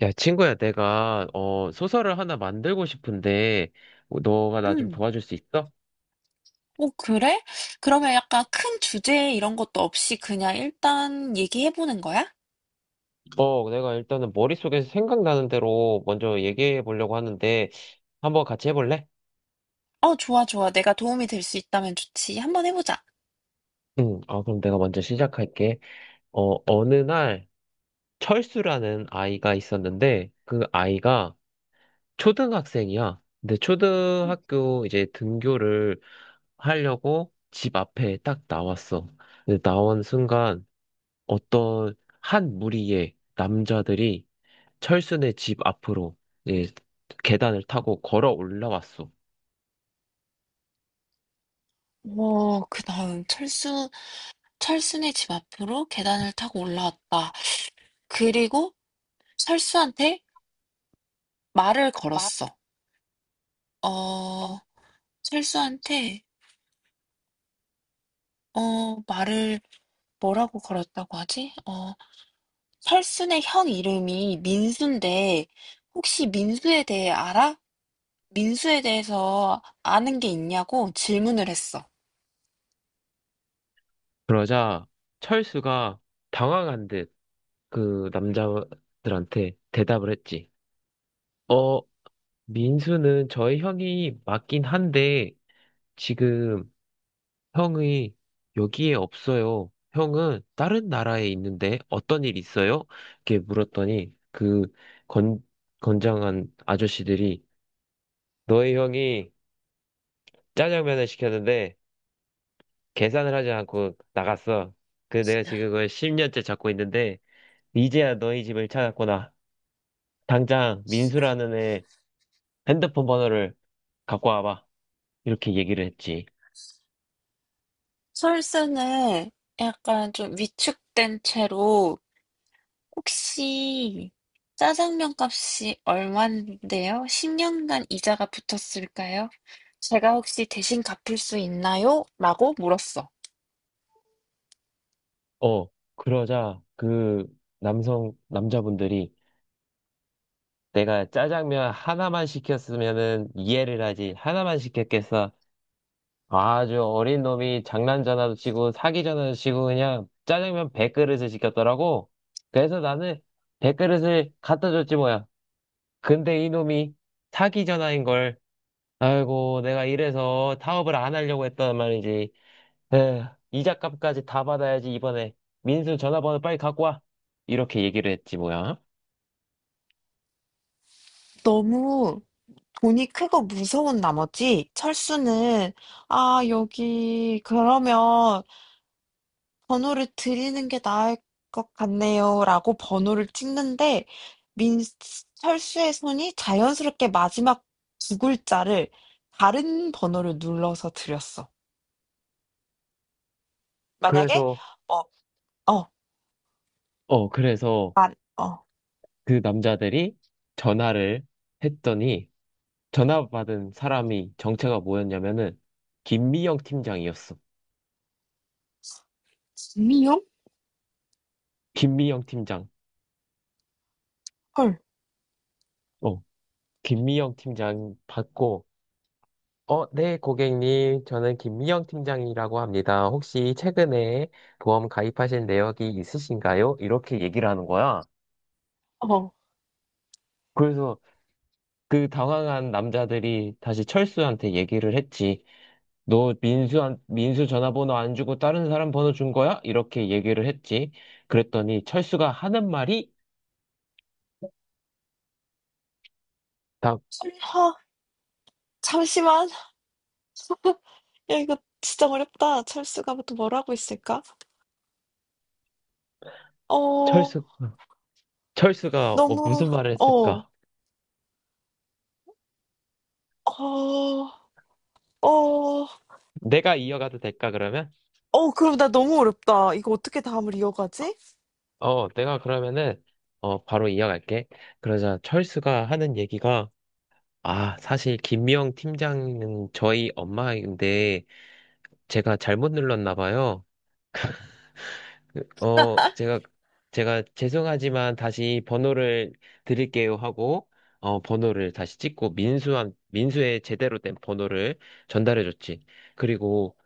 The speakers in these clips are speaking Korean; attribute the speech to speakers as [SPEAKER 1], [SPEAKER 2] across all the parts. [SPEAKER 1] 야, 친구야, 내가, 소설을 하나 만들고 싶은데, 뭐, 너가 나 좀
[SPEAKER 2] 음.
[SPEAKER 1] 도와줄 수 있어?
[SPEAKER 2] 그래? 그러면 약간 큰 주제 이런 것도 없이 그냥 일단 얘기해보는 거야?
[SPEAKER 1] 내가 일단은 머릿속에서 생각나는 대로 먼저 얘기해 보려고 하는데, 한번 같이 해볼래?
[SPEAKER 2] 좋아, 좋아. 내가 도움이 될 수 있다면 좋지. 한번 해보자.
[SPEAKER 1] 응, 그럼 내가 먼저 시작할게. 어느 날, 철수라는 아이가 있었는데, 그 아이가 초등학생이야. 근데
[SPEAKER 2] 응.
[SPEAKER 1] 초등학교 이제 등교를 하려고 집 앞에 딱 나왔어. 근데 나온 순간, 어떤 한 무리의 남자들이 철순의 집 앞으로 이제 계단을 타고 걸어 올라왔어.
[SPEAKER 2] 그 다음, 철수네 집 앞으로 계단을 타고 올라왔다. 그리고 철수한테 말을 걸었어. 어, 철수한테, 말을 뭐라고 걸었다고 하지? 철수네 형 이름이 민수인데, 혹시 민수에 대해 알아? 민수에 대해서 아는 게 있냐고 질문을 했어.
[SPEAKER 1] 그러자 철수가 당황한 듯 그 남자들한테 대답을 했지. 어, 민수는 저의 형이 맞긴 한데 지금 형이 여기에 없어요. 형은 다른 나라에 있는데 어떤 일 있어요? 이렇게 물었더니 그 건, 건장한 아저씨들이 너의 형이 짜장면을 시켰는데 계산을 하지 않고 나갔어. 그 내가 지금 그걸 10년째 잡고 있는데 이제야 너희 집을 찾았구나. 당장 민수라는 애 핸드폰 번호를 갖고 와봐. 이렇게 얘기를 했지.
[SPEAKER 2] 설사는 약간 좀 위축된 채로 혹시 짜장면 값이 얼마인데요? 10년간 이자가 붙었을까요? 제가 혹시 대신 갚을 수 있나요? 라고 물었어.
[SPEAKER 1] 어, 그러자 그 남자분들이 내가 짜장면 하나만 시켰으면은 이해를 하지. 하나만 시켰겠어. 아주 어린 놈이 장난 전화도 치고 사기 전화도 치고 그냥 짜장면 100그릇을 시켰더라고. 그래서 나는 100그릇을 갖다 줬지 뭐야. 근데 이놈이 사기 전화인 걸. 아이고, 내가 이래서 타업을 안 하려고 했단 말이지. 에휴, 이자값까지 다 받아야지 이번에. 민수 전화번호 빨리 갖고 와. 이렇게 얘기를 했지 뭐야.
[SPEAKER 2] 너무 돈이 크고 무서운 나머지 철수는 아, 여기 그러면 번호를 드리는 게 나을 것 같네요라고 번호를 찍는데 민철수의 손이 자연스럽게 마지막 두 글자를 다른 번호를 눌러서 드렸어. 만약에
[SPEAKER 1] 그래서
[SPEAKER 2] 어, 어,
[SPEAKER 1] 그래서
[SPEAKER 2] 만, 어,
[SPEAKER 1] 그 남자들이 전화를 했더니 전화받은 사람이 정체가 뭐였냐면은 김미영 팀장이었어.
[SPEAKER 2] 김이영?
[SPEAKER 1] 김미영 팀장.
[SPEAKER 2] 헐,
[SPEAKER 1] 어, 김미영 팀장 받고 네, 고객님. 저는 김미영 팀장이라고 합니다. 혹시 최근에 보험 가입하신 내역이 있으신가요? 이렇게 얘기를 하는 거야.
[SPEAKER 2] 어,
[SPEAKER 1] 그래서 그 당황한 남자들이 다시 철수한테 얘기를 했지. 너 민수 전화번호 안 주고 다른 사람 번호 준 거야? 이렇게 얘기를 했지. 그랬더니 철수가 하는 말이 다
[SPEAKER 2] 설마, 잠시만. 야, 이거 진짜 어렵다. 철수가 또 뭘 하고 있을까? 어,
[SPEAKER 1] 철수 철수가
[SPEAKER 2] 너무,
[SPEAKER 1] 무슨 말을
[SPEAKER 2] 어,
[SPEAKER 1] 했을까?
[SPEAKER 2] 어, 어,
[SPEAKER 1] 내가 이어가도 될까 그러면?
[SPEAKER 2] 그럼 나 너무 어렵다. 이거 어떻게 다음을 이어가지?
[SPEAKER 1] 내가 그러면은 바로 이어갈게. 그러자 철수가 하는 얘기가 아, 사실 김미영 팀장은 저희 엄마인데 제가 잘못 눌렀나 봐요. 그, 어, 제가 제가 죄송하지만 다시 번호를 드릴게요 하고 번호를 다시 찍고 민수한 민수의 제대로 된 번호를 전달해 줬지. 그리고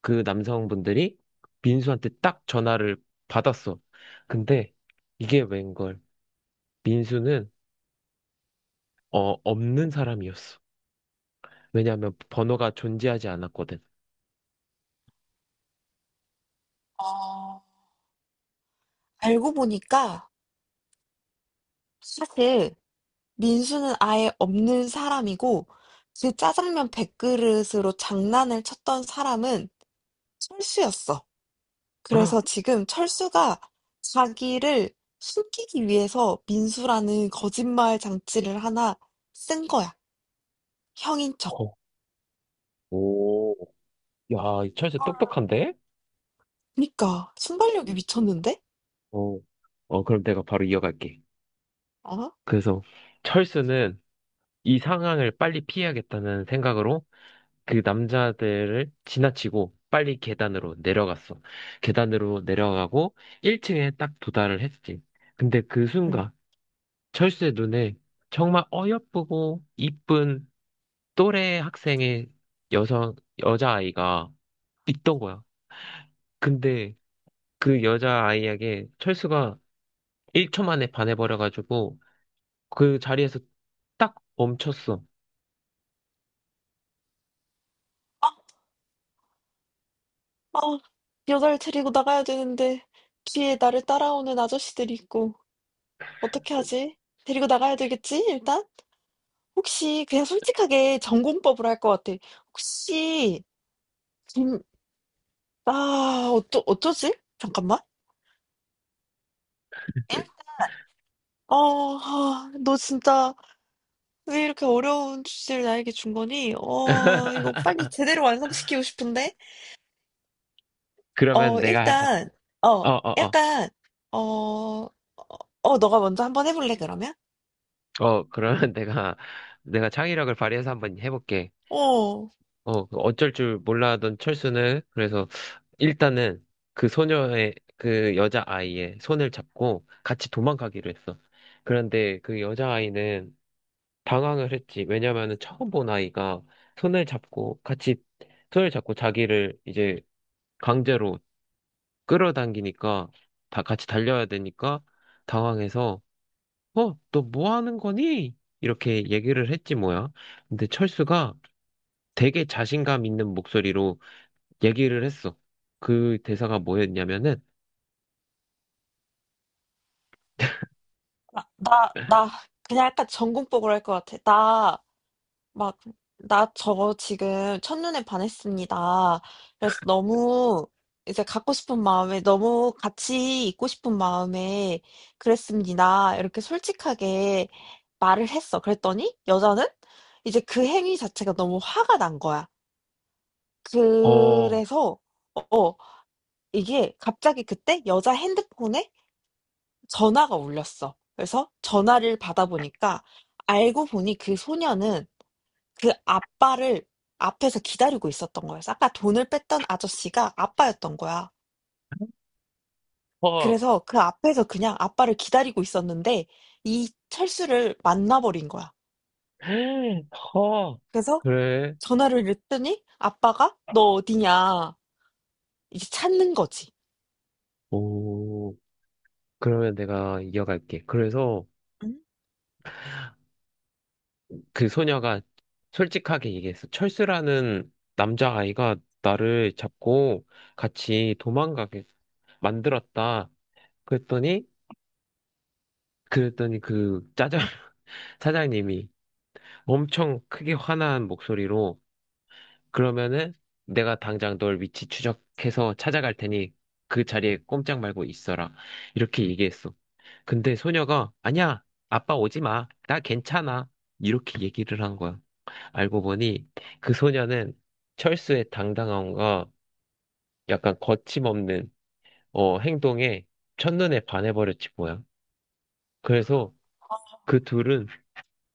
[SPEAKER 1] 그 남성분들이 민수한테 딱 전화를 받았어. 근데 이게 웬걸. 민수는 없는 사람이었어. 왜냐하면 번호가 존재하지 않았거든.
[SPEAKER 2] 어. 알고 보니까 사실 민수는 아예 없는 사람이고 그 짜장면 100그릇으로 장난을 쳤던 사람은 철수였어. 그래서
[SPEAKER 1] 아,
[SPEAKER 2] 지금 철수가 자기를 숨기기 위해서 민수라는 거짓말 장치를 하나 쓴 거야. 형인 척.
[SPEAKER 1] 어, 오, 야, 이 철수 똑똑한데?
[SPEAKER 2] 그러니까 순발력이 미쳤는데?
[SPEAKER 1] 어, 그럼 내가 바로 이어갈게.
[SPEAKER 2] 어?
[SPEAKER 1] 그래서 철수는 이 상황을 빨리 피해야겠다는 생각으로 그 남자들을 지나치고 빨리 계단으로 내려갔어. 계단으로 내려가고 1층에 딱 도달을 했지. 근데 그
[SPEAKER 2] 응.
[SPEAKER 1] 순간 철수의 눈에 정말 어여쁘고 이쁜 또래 학생의 여성, 여자아이가 있던 거야. 근데 그 여자아이에게 철수가 1초 만에 반해버려가지고 그 자리에서 딱 멈췄어.
[SPEAKER 2] 아, 아, 여자를 데리고 나가야 되는데 뒤에 나를 따라오는 아저씨들이 있고. '어떻게 하지? 데리고 나가야 되겠지 일단?' 혹시 그냥 솔직하게 전공법으로 할 것 같아. 혹시 김 아 어쩌지? 잠깐만. 어 아 너 진짜 왜 이렇게 어려운 주제를 나에게 준 거니? 어 이거 빨리 제대로 완성시키고 싶은데.
[SPEAKER 1] 그러면
[SPEAKER 2] 어
[SPEAKER 1] 내가,
[SPEAKER 2] 일단 어
[SPEAKER 1] 어어어.
[SPEAKER 2] 약간 어 너가 먼저 한번 해 볼래 그러면?
[SPEAKER 1] 그러면 내가 창의력을 발휘해서 한번 해볼게.
[SPEAKER 2] 어.
[SPEAKER 1] 그 어쩔 줄 몰라하던 철수는, 그래서 일단은 그 여자아이의 손을 잡고 같이 도망가기로 했어. 그런데 그 여자아이는 당황을 했지. 왜냐면은 처음 본 아이가 손을 잡고 같이, 손을 잡고 자기를 이제 강제로 끌어당기니까 다 같이 달려야 되니까 당황해서 너 뭐 하는 거니? 이렇게 얘기를 했지 뭐야. 근데 철수가 되게 자신감 있는 목소리로 얘기를 했어. 그 대사가 뭐였냐면은,
[SPEAKER 2] 나 그냥 약간 전공법으로 할 것 같아. 나 막, 나 저거 지금 첫눈에 반했습니다. 그래서 너무 이제 갖고 싶은 마음에, 너무 같이 있고 싶은 마음에 그랬습니다. 이렇게 솔직하게 말을 했어. 그랬더니 여자는 이제 그 행위 자체가 너무 화가 난 거야.
[SPEAKER 1] 어,
[SPEAKER 2] 그래서, 어, 어, 이게 갑자기 그때 여자 핸드폰에 전화가 울렸어. 그래서 전화를 받아보니까 알고 보니 그 소녀는 그 아빠를 앞에서 기다리고 있었던 거였어. 아까 돈을 뺐던 아저씨가 아빠였던 거야.
[SPEAKER 1] 허,
[SPEAKER 2] 그래서 그 앞에서 그냥 아빠를 기다리고 있었는데 이 철수를 만나버린 거야.
[SPEAKER 1] 허,
[SPEAKER 2] 그래서
[SPEAKER 1] 그래,
[SPEAKER 2] 전화를 했더니 아빠가 너 어디냐 이제 찾는 거지.
[SPEAKER 1] 오, 그러면 내가 이어갈게. 그래서
[SPEAKER 2] 응?
[SPEAKER 1] 그 소녀가 솔직하게 얘기했어. 철수라는 남자아이가 나를 잡고 같이 도망가게 만들었다. 그랬더니, 그랬더니 그 짜장 사장님이 엄청 크게 화난 목소리로 그러면은 내가 당장 널 위치 추적해서 찾아갈 테니 그 자리에 꼼짝 말고 있어라. 이렇게 얘기했어. 근데 소녀가 아니야, 아빠 오지 마. 나 괜찮아. 이렇게 얘기를 한 거야. 알고 보니 그 소녀는 철수의 당당함과 약간 거침없는 행동에 첫눈에 반해버렸지 뭐야. 그래서 그 둘은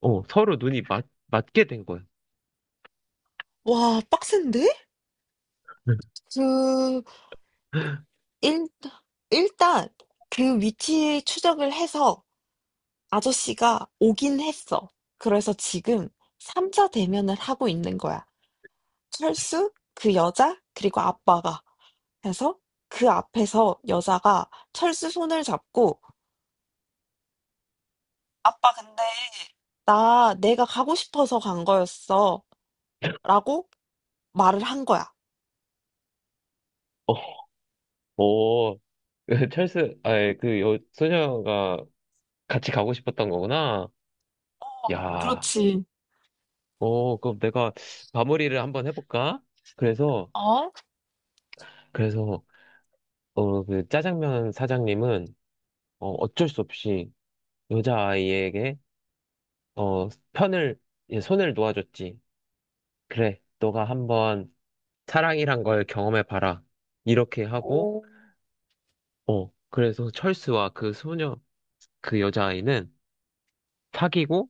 [SPEAKER 1] 서로 눈이 맞게 된 거야.
[SPEAKER 2] 와, 빡센데? 그 일, 일단 그 위치 추적을 해서 아저씨가 오긴 했어. 그래서 지금 3자 대면을 하고 있는 거야. 철수, 그 여자, 그리고 아빠가 해서 그 앞에서 여자가 철수 손을 잡고 아빠 근데 나 내가 가고 싶어서 간 거였어 라고 말을 한 거야.
[SPEAKER 1] 어, 오, 찰스, 아 소녀가 같이 가고 싶었던 거구나. 야,
[SPEAKER 2] 그렇지.
[SPEAKER 1] 오, 그럼 내가 마무리를 한번 해볼까? 그래서,
[SPEAKER 2] 어?
[SPEAKER 1] 그래서, 그 짜장면 사장님은, 어쩔 수 없이 여자아이에게, 어, 편을, 예, 손을 놓아줬지. 그래, 너가 한번 사랑이란 걸 경험해봐라. 이렇게 하고,
[SPEAKER 2] 오.
[SPEAKER 1] 그래서 철수와 그 여자아이는 사귀고,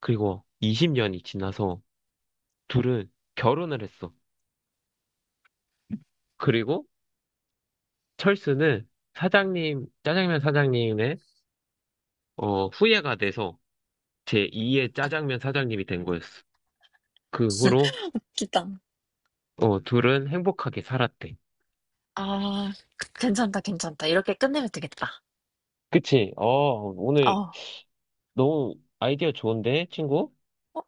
[SPEAKER 1] 그리고 20년이 지나서 둘은 결혼을 했어. 그리고 철수는 짜장면 사장님의 후예가 돼서 제2의 짜장면 사장님이 된 거였어. 그 후로
[SPEAKER 2] 기다.
[SPEAKER 1] 둘은 행복하게 살았대.
[SPEAKER 2] 아, 괜찮다, 괜찮다. 이렇게 끝내면 되겠다.
[SPEAKER 1] 그치? 오늘
[SPEAKER 2] 어,
[SPEAKER 1] 너무 아이디어 좋은데, 친구?
[SPEAKER 2] 어,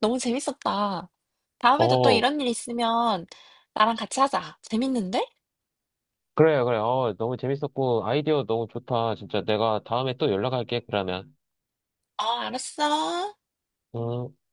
[SPEAKER 2] 너무 재밌었다. 다음에도 또
[SPEAKER 1] 어,
[SPEAKER 2] 이런 일 있으면 나랑 같이 하자. 재밌는데?
[SPEAKER 1] 그래, 그래. 너무 재밌었고, 아이디어 너무 좋다. 진짜 내가 다음에 또 연락할게, 그러면.
[SPEAKER 2] 어, 알았어.
[SPEAKER 1] 어.